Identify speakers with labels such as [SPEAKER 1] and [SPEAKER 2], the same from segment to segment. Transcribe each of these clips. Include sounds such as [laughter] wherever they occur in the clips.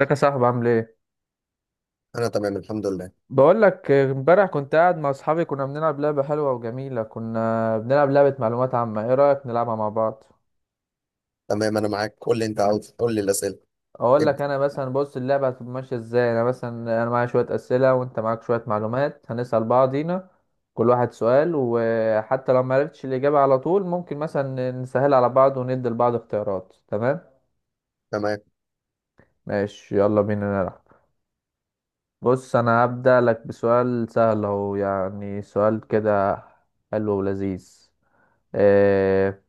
[SPEAKER 1] ازيك يا صاحبي عامل ايه؟
[SPEAKER 2] انا تمام الحمد لله.
[SPEAKER 1] بقول لك، امبارح كنت قاعد مع اصحابي، كنا بنلعب لعبة حلوة وجميلة. كنا بنلعب لعبة معلومات عامة. ايه رأيك نلعبها مع بعض؟
[SPEAKER 2] تمام، انا معاك، قول لي انت عاوز، قول لي الاسئله.
[SPEAKER 1] اقول لك
[SPEAKER 2] ابدا.
[SPEAKER 1] انا مثلا. بص، اللعبة هتبقى ماشية ازاي؟ انا مثلا، انا معايا شوية أسئلة وانت معاك شوية معلومات، هنسأل بعضينا. كل واحد سؤال، وحتى لو ما عرفتش الإجابة على طول ممكن مثلا نسهل على بعض وندي لبعض اختيارات. تمام؟
[SPEAKER 2] تمام.
[SPEAKER 1] ماشي، يلا بينا نلعب. بص، انا هبدأ لك بسؤال سهل اهو، يعني سؤال كده حلو ولذيذ. آه،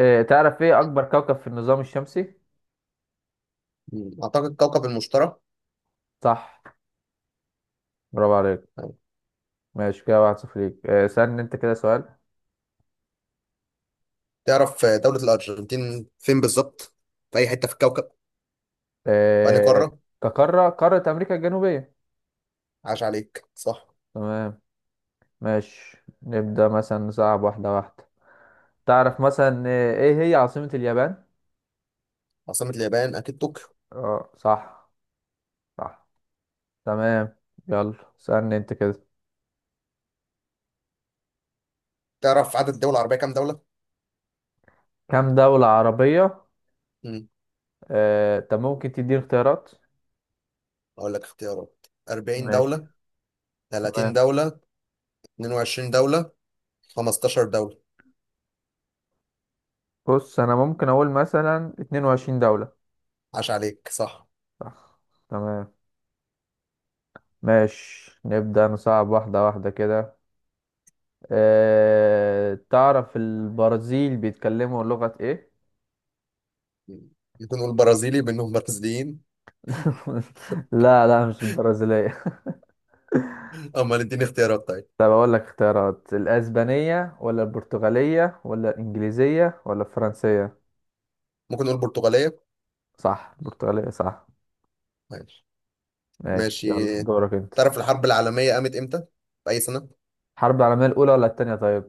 [SPEAKER 1] تعرف ايه اكبر كوكب في النظام الشمسي؟
[SPEAKER 2] اعتقد كوكب المشتري.
[SPEAKER 1] صح، برافو عليك.
[SPEAKER 2] تمام.
[SPEAKER 1] ماشي كده، واحد صفر ليك. سألني انت كده سؤال.
[SPEAKER 2] تعرف دولة الارجنتين فين بالظبط؟ في اي حته في الكوكب؟ في أنهي
[SPEAKER 1] آه،
[SPEAKER 2] قاره؟
[SPEAKER 1] كقارة قارة امريكا الجنوبية.
[SPEAKER 2] عاش عليك، صح.
[SPEAKER 1] تمام. ماشي، نبدأ مثلا نصعب واحدة واحدة. تعرف مثلا ايه هي عاصمة اليابان؟
[SPEAKER 2] عاصمة اليابان اكيد طوكيو.
[SPEAKER 1] اه صح. صح. تمام. يلا، سألني انت كده.
[SPEAKER 2] تعرف عدد الدول العربيه كام دوله؟
[SPEAKER 1] كم دولة عربية؟
[SPEAKER 2] مم.
[SPEAKER 1] طب ممكن تديني اختيارات؟
[SPEAKER 2] اقول لك اختيارات: 40
[SPEAKER 1] ماشي.
[SPEAKER 2] دوله، 30
[SPEAKER 1] تمام.
[SPEAKER 2] دوله، 22 دوله، 15 دوله.
[SPEAKER 1] بص، انا ممكن اقول مثلا 22 دولة.
[SPEAKER 2] عاش عليك، صح.
[SPEAKER 1] صح. تمام. ماشي، نبدأ نصعب واحدة واحدة كده. تعرف البرازيل بيتكلموا لغة ايه؟
[SPEAKER 2] مم. ممكن نقول برازيلي، بانهم برازيليين.
[SPEAKER 1] [laughs] لا، لا، مش البرازيلية.
[SPEAKER 2] [laughs] امال اديني اختيارات طيب.
[SPEAKER 1] طب أقول لك اختيارات: الأسبانية ولا البرتغالية ولا الإنجليزية ولا الفرنسية؟
[SPEAKER 2] ممكن نقول برتغاليه.
[SPEAKER 1] صح، البرتغالية صح.
[SPEAKER 2] ماشي.
[SPEAKER 1] ماشي،
[SPEAKER 2] ماشي،
[SPEAKER 1] يلا دورك أنت.
[SPEAKER 2] تعرف الحرب العالمية قامت امتى؟ في أي سنة؟
[SPEAKER 1] الحرب العالمية الأولى ولا التانية طيب؟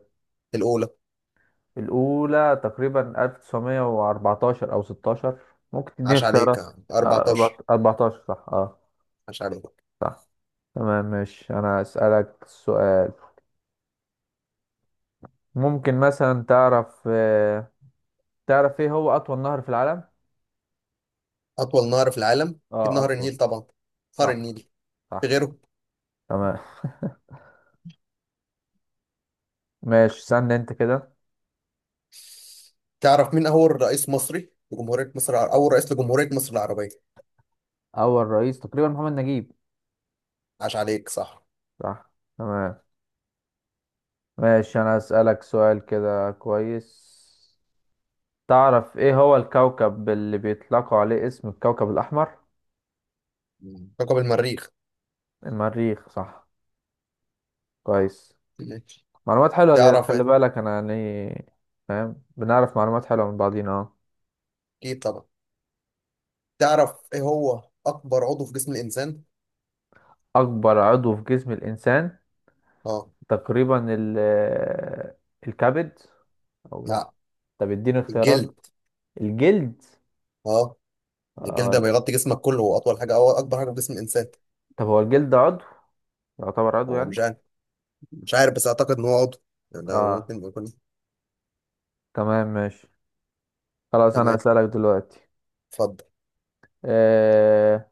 [SPEAKER 2] الأولى.
[SPEAKER 1] الأولى تقريبا 1914 أو 16. ممكن تديني
[SPEAKER 2] عاش عليك.
[SPEAKER 1] اختيارات؟
[SPEAKER 2] 14.
[SPEAKER 1] 14 صح، اه.
[SPEAKER 2] عاش عليك.
[SPEAKER 1] تمام. ماشي، انا اسالك سؤال. ممكن مثلا تعرف ايه هو اطول نهر في العالم؟
[SPEAKER 2] أطول نهر في العالم؟ أكيد
[SPEAKER 1] اه،
[SPEAKER 2] نهر
[SPEAKER 1] اطول.
[SPEAKER 2] النيل طبعا. نهر
[SPEAKER 1] صح.
[SPEAKER 2] النيل. في
[SPEAKER 1] صح.
[SPEAKER 2] غيره؟
[SPEAKER 1] تمام. [laughs] ماشي، استنى انت كده.
[SPEAKER 2] تعرف مين أول رئيس مصري لجمهورية مصر الع- أول رئيس لجمهورية مصر العربية؟
[SPEAKER 1] اول رئيس تقريبا محمد نجيب.
[SPEAKER 2] عاش عليك، صح.
[SPEAKER 1] صح. تمام. ماشي، انا اسالك سؤال كده كويس. تعرف ايه هو الكوكب اللي بيطلقوا عليه اسم الكوكب الاحمر؟
[SPEAKER 2] كوكب المريخ.
[SPEAKER 1] المريخ صح. كويس.
[SPEAKER 2] ماشي.
[SPEAKER 1] معلومات حلوة جدا،
[SPEAKER 2] تعرف
[SPEAKER 1] خلي
[SPEAKER 2] إيه؟
[SPEAKER 1] بالك انا يعني فاهم، بنعرف معلومات حلوة من بعضينا، اه.
[SPEAKER 2] أكيد طبعا. تعرف إيه هو أكبر عضو في جسم الإنسان؟
[SPEAKER 1] أكبر عضو في جسم الإنسان؟
[SPEAKER 2] أه.
[SPEAKER 1] تقريبا الكبد. أو لأ؟
[SPEAKER 2] لا.
[SPEAKER 1] طب اديني اختيارات.
[SPEAKER 2] الجلد.
[SPEAKER 1] الجلد.
[SPEAKER 2] أه. الجلد ده
[SPEAKER 1] آه.
[SPEAKER 2] بيغطي جسمك كله، وأطول حاجة أو أكبر حاجة في جسم الإنسان.
[SPEAKER 1] طب هو الجلد عضو؟ يعتبر عضو
[SPEAKER 2] هو
[SPEAKER 1] يعني.
[SPEAKER 2] مش عارف. مش عارف، بس اعتقد ان هو عضو، يعني ده
[SPEAKER 1] اه.
[SPEAKER 2] ممكن يكون.
[SPEAKER 1] تمام، ماشي. خلاص، أنا
[SPEAKER 2] تمام.
[SPEAKER 1] هسألك دلوقتي.
[SPEAKER 2] اتفضل.
[SPEAKER 1] آه.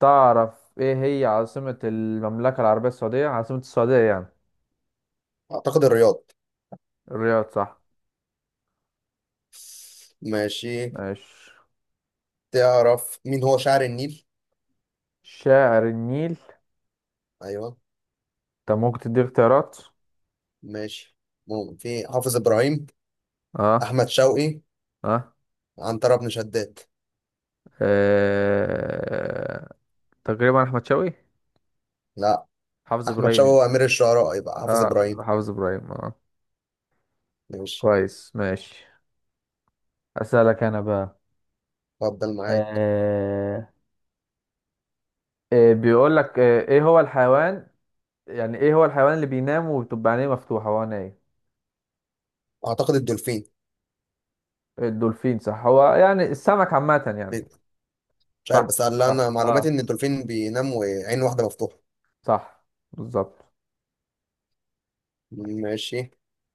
[SPEAKER 1] تعرف إيه هي عاصمة المملكة العربية السعودية، عاصمة السعودية يعني؟
[SPEAKER 2] اعتقد الرياض.
[SPEAKER 1] الرياض صح.
[SPEAKER 2] ماشي.
[SPEAKER 1] ماشي.
[SPEAKER 2] تعرف مين هو شاعر النيل؟
[SPEAKER 1] شاعر النيل؟
[SPEAKER 2] ايوه.
[SPEAKER 1] طب ممكن تدي اختيارات.
[SPEAKER 2] ماشي، ممكن في حافظ ابراهيم،
[SPEAKER 1] اه.
[SPEAKER 2] احمد شوقي،
[SPEAKER 1] اه،
[SPEAKER 2] عنترة بن شداد.
[SPEAKER 1] آه. تقريبا أحمد شوقي.
[SPEAKER 2] لا.
[SPEAKER 1] حافظ
[SPEAKER 2] احمد شوقي
[SPEAKER 1] ابراهيم.
[SPEAKER 2] هو امير الشعراء، يبقى حافظ
[SPEAKER 1] اه،
[SPEAKER 2] ابراهيم.
[SPEAKER 1] حافظ ابراهيم، اه.
[SPEAKER 2] ماشي.
[SPEAKER 1] كويس، ماشي. اسالك انا بقى.
[SPEAKER 2] اتفضل معاك.
[SPEAKER 1] آه... بيقول لك، ايه هو الحيوان، يعني ايه هو الحيوان اللي بينام وبتبقى عينيه مفتوحه هو نايم؟
[SPEAKER 2] اعتقد الدولفين.
[SPEAKER 1] الدولفين صح، هو يعني السمك عامه يعني.
[SPEAKER 2] ليه؟ مش عارف،
[SPEAKER 1] صح.
[SPEAKER 2] بس اللي
[SPEAKER 1] صح،
[SPEAKER 2] انا معلوماتي
[SPEAKER 1] اه.
[SPEAKER 2] ان الدولفين بينام وعين واحده مفتوحه.
[SPEAKER 1] صح، بالظبط.
[SPEAKER 2] ماشي.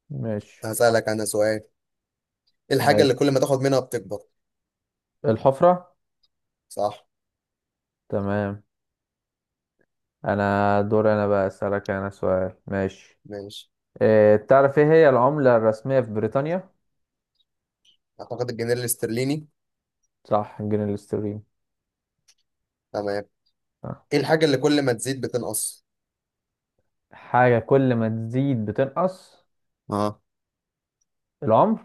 [SPEAKER 1] ماشي.
[SPEAKER 2] هسألك انا سؤال: ايه الحاجه اللي
[SPEAKER 1] ماشي.
[SPEAKER 2] كل ما تاخد منها بتكبر؟
[SPEAKER 1] الحفره.
[SPEAKER 2] صح.
[SPEAKER 1] تمام. انا دور انا بقى اسالك انا سؤال. ماشي.
[SPEAKER 2] ماشي.
[SPEAKER 1] تعرف ايه هي العمله الرسميه في بريطانيا؟
[SPEAKER 2] اعتقد الجنيه الاسترليني.
[SPEAKER 1] صح، جنيه الاسترليني.
[SPEAKER 2] تمام. ايه الحاجه اللي كل ما تزيد بتنقص؟
[SPEAKER 1] حاجة كل ما تزيد بتنقص؟
[SPEAKER 2] اه.
[SPEAKER 1] العمر.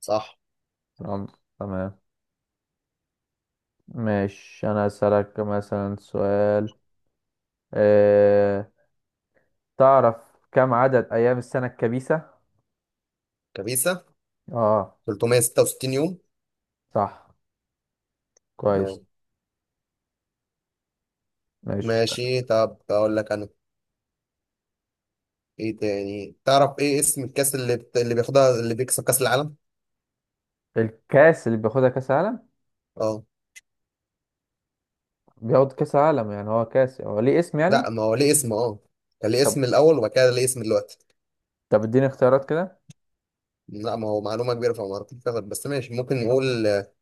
[SPEAKER 2] صح.
[SPEAKER 1] العمر. تمام. ماشي، أنا أسألك مثلا سؤال. أه... تعرف، كم عدد أيام السنة الكبيسة؟
[SPEAKER 2] كبيسه.
[SPEAKER 1] اه
[SPEAKER 2] 366 يوم.
[SPEAKER 1] صح. كويس.
[SPEAKER 2] تمام.
[SPEAKER 1] ماشي.
[SPEAKER 2] ماشي، طب اقول لك انا. ايه تاني؟ تعرف ايه اسم الكاس اللي اللي بياخدها، اللي بيكسب كاس العالم؟
[SPEAKER 1] الكاس اللي بياخدها كاس عالم؟
[SPEAKER 2] اه.
[SPEAKER 1] بياخد كاس عالم يعني، هو كاس هو ليه اسم
[SPEAKER 2] لا،
[SPEAKER 1] يعني؟
[SPEAKER 2] ما هو ليه اسم. اه. كان ليه
[SPEAKER 1] طب
[SPEAKER 2] اسم الاول، وبعد كده ليه اسم دلوقتي.
[SPEAKER 1] طب اديني اختيارات كده.
[SPEAKER 2] لا، ما هو معلومه كبيره فما اعرفش تاخد، بس ماشي، ممكن نقول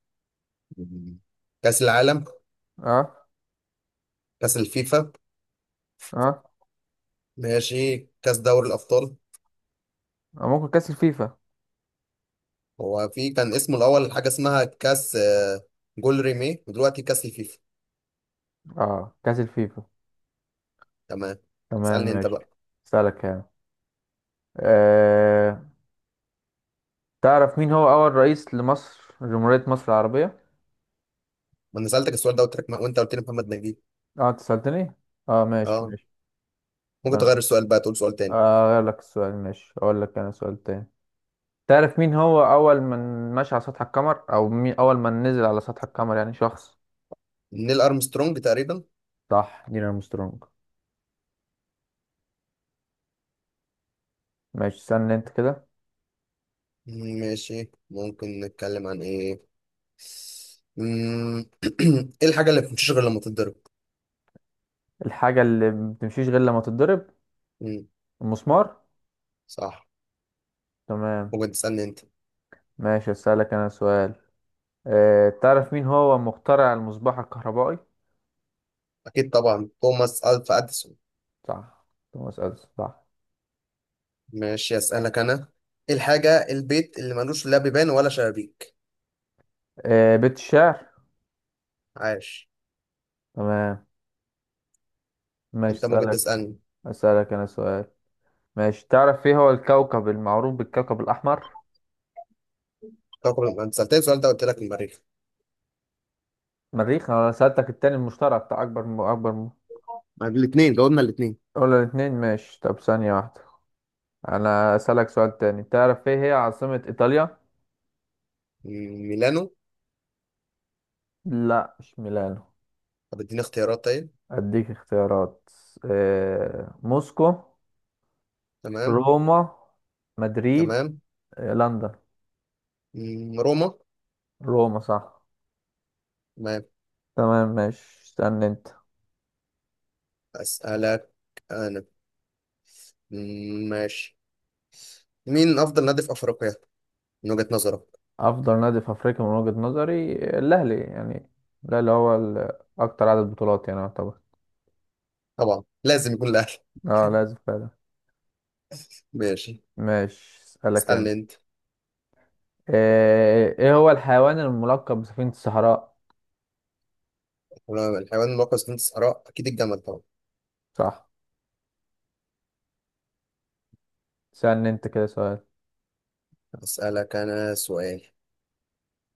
[SPEAKER 2] كاس العالم،
[SPEAKER 1] اه.
[SPEAKER 2] كاس الفيفا.
[SPEAKER 1] اه.
[SPEAKER 2] ماشي، كاس دوري الابطال.
[SPEAKER 1] أو ممكن كاس الفيفا.
[SPEAKER 2] هو في كان اسمه الأول حاجة اسمها كاس جول ريمي، ودلوقتي كاس الفيفا.
[SPEAKER 1] اه، كاس الفيفا.
[SPEAKER 2] تمام.
[SPEAKER 1] تمام،
[SPEAKER 2] اسألني أنت
[SPEAKER 1] ماشي.
[SPEAKER 2] بقى.
[SPEAKER 1] أسألك يعني. آه. تعرف مين هو أول رئيس لمصر جمهورية مصر العربية؟
[SPEAKER 2] ما أنا سألتك السؤال ده وترك، وأنت قلت لي محمد نجيب.
[SPEAKER 1] اه، انت سألتني؟ اه ماشي،
[SPEAKER 2] أه.
[SPEAKER 1] ماشي.
[SPEAKER 2] ممكن تغير
[SPEAKER 1] بلاش.
[SPEAKER 2] السؤال بقى، تقول سؤال تاني.
[SPEAKER 1] غير لك السؤال، ماشي، أقول لك أنا سؤال تاني. تعرف مين هو أول من مشى على سطح القمر، أو مين أول من نزل على سطح القمر يعني شخص؟
[SPEAKER 2] نيل أرمسترونج تقريبا.
[SPEAKER 1] صح، نيل أرمسترونج. ماشي، استنى أنت كده.
[SPEAKER 2] ماشي. ممكن نتكلم عن إيه؟ مم، [clears throat] إيه الحاجة اللي ما بتمشيش غير لما تتضرب؟
[SPEAKER 1] الحاجة اللي ما بتمشيش غير لما تتضرب؟
[SPEAKER 2] مم،
[SPEAKER 1] المسمار.
[SPEAKER 2] صح.
[SPEAKER 1] تمام،
[SPEAKER 2] ممكن تسألني أنت.
[SPEAKER 1] ماشي، أسألك أنا سؤال. تعرف مين هو مخترع المصباح الكهربائي؟
[SPEAKER 2] أكيد طبعا، توماس ألفا أديسون.
[SPEAKER 1] صح، توماس أديسون صح.
[SPEAKER 2] ماشي، أسألك أنا. إيه الحاجة البيت اللي ملوش لا بيبان ولا شبابيك؟
[SPEAKER 1] بيت الشعر.
[SPEAKER 2] عاش.
[SPEAKER 1] تمام. ماشي،
[SPEAKER 2] انت ممكن
[SPEAKER 1] اسألك
[SPEAKER 2] تسالني.
[SPEAKER 1] اسألك انا سؤال، ماشي. تعرف ايه هو الكوكب المعروف بالكوكب الاحمر؟
[SPEAKER 2] انت سالتني السؤال ده، قلت لك المريخ.
[SPEAKER 1] مريخ، انا سألتك التاني المشترك بتاع اكبر.
[SPEAKER 2] الاثنين، جاوبنا الاثنين.
[SPEAKER 1] ولا الاتنين. ماشي، طب ثانية واحدة. انا اسألك سؤال تاني. تعرف ايه هي عاصمة ايطاليا؟
[SPEAKER 2] ميلانو.
[SPEAKER 1] لا مش ميلانو.
[SPEAKER 2] طب اديني اختيارات طيب.
[SPEAKER 1] اديك اختيارات. موسكو.
[SPEAKER 2] تمام.
[SPEAKER 1] روما. مدريد.
[SPEAKER 2] تمام.
[SPEAKER 1] لندن.
[SPEAKER 2] روما.
[SPEAKER 1] روما صح.
[SPEAKER 2] تمام.
[SPEAKER 1] تمام. ماشي، استنى انت.
[SPEAKER 2] اسالك انا. مم، ماشي. مين افضل نادي في افريقيا من وجهة نظرك؟
[SPEAKER 1] افضل نادي في افريقيا من وجهة نظري الاهلي يعني. الاهلي هو اكتر عدد بطولات يعني طبعا.
[SPEAKER 2] طبعا لازم يكون الاهلي.
[SPEAKER 1] اه، لازم فعلا.
[SPEAKER 2] [laughs] ماشي.
[SPEAKER 1] ماشي، اسالك
[SPEAKER 2] اسالني
[SPEAKER 1] انا.
[SPEAKER 2] انت.
[SPEAKER 1] إيه هو الحيوان الملقب بسفينة الصحراء؟
[SPEAKER 2] الحيوان المركز في الصحراء اكيد الجمل طبعا.
[SPEAKER 1] صح. سألني انت كده سؤال.
[SPEAKER 2] اسالك انا سؤال: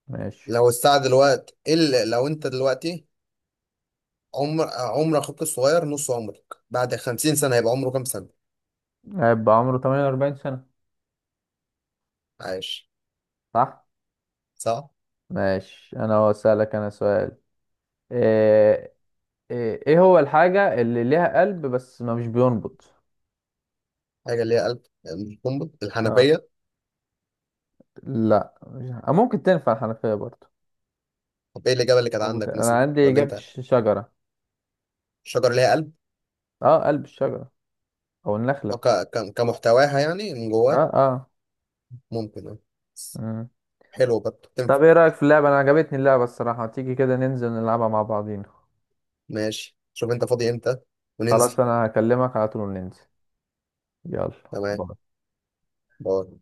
[SPEAKER 1] ماشي.
[SPEAKER 2] لو الساعه دلوقتي لو انت دلوقتي، عمر اخوك الصغير نص عمرك، بعد 50 سنه هيبقى عمره كام سنة؟
[SPEAKER 1] هيبقى عمره 48 سنة.
[SPEAKER 2] عايش.
[SPEAKER 1] صح.
[SPEAKER 2] صح.
[SPEAKER 1] ماشي، انا اسالك سؤال. ايه ايه إيه هو الحاجة اللي ليها قلب بس ما مش بينبض؟
[SPEAKER 2] حاجة ليها قلب: القنبل،
[SPEAKER 1] اه،
[SPEAKER 2] الحنفية.
[SPEAKER 1] لا، ممكن تنفع الحنفية برضه.
[SPEAKER 2] طب ايه الإجابة اللي كانت عندك
[SPEAKER 1] انا
[SPEAKER 2] مثلا،
[SPEAKER 1] عندي
[SPEAKER 2] أو اللي
[SPEAKER 1] اجابة
[SPEAKER 2] أنت؟
[SPEAKER 1] الشجرة.
[SPEAKER 2] شجر ليها قلب.
[SPEAKER 1] اه، قلب الشجرة. او
[SPEAKER 2] أو
[SPEAKER 1] النخلة.
[SPEAKER 2] كمحتواها يعني، من
[SPEAKER 1] اه.
[SPEAKER 2] جواه.
[SPEAKER 1] اه.
[SPEAKER 2] ممكن أه.
[SPEAKER 1] مم.
[SPEAKER 2] حلو، برضه تنفع.
[SPEAKER 1] طب ايه رأيك في اللعبة؟ انا عجبتني اللعبة الصراحة. تيجي كده ننزل نلعبها مع بعضينا؟
[SPEAKER 2] ماشي، شوف أنت فاضي إمتى وننزل.
[SPEAKER 1] خلاص، انا هكلمك على طول وننزل. يلا،
[SPEAKER 2] تمام.
[SPEAKER 1] باي.
[SPEAKER 2] باي.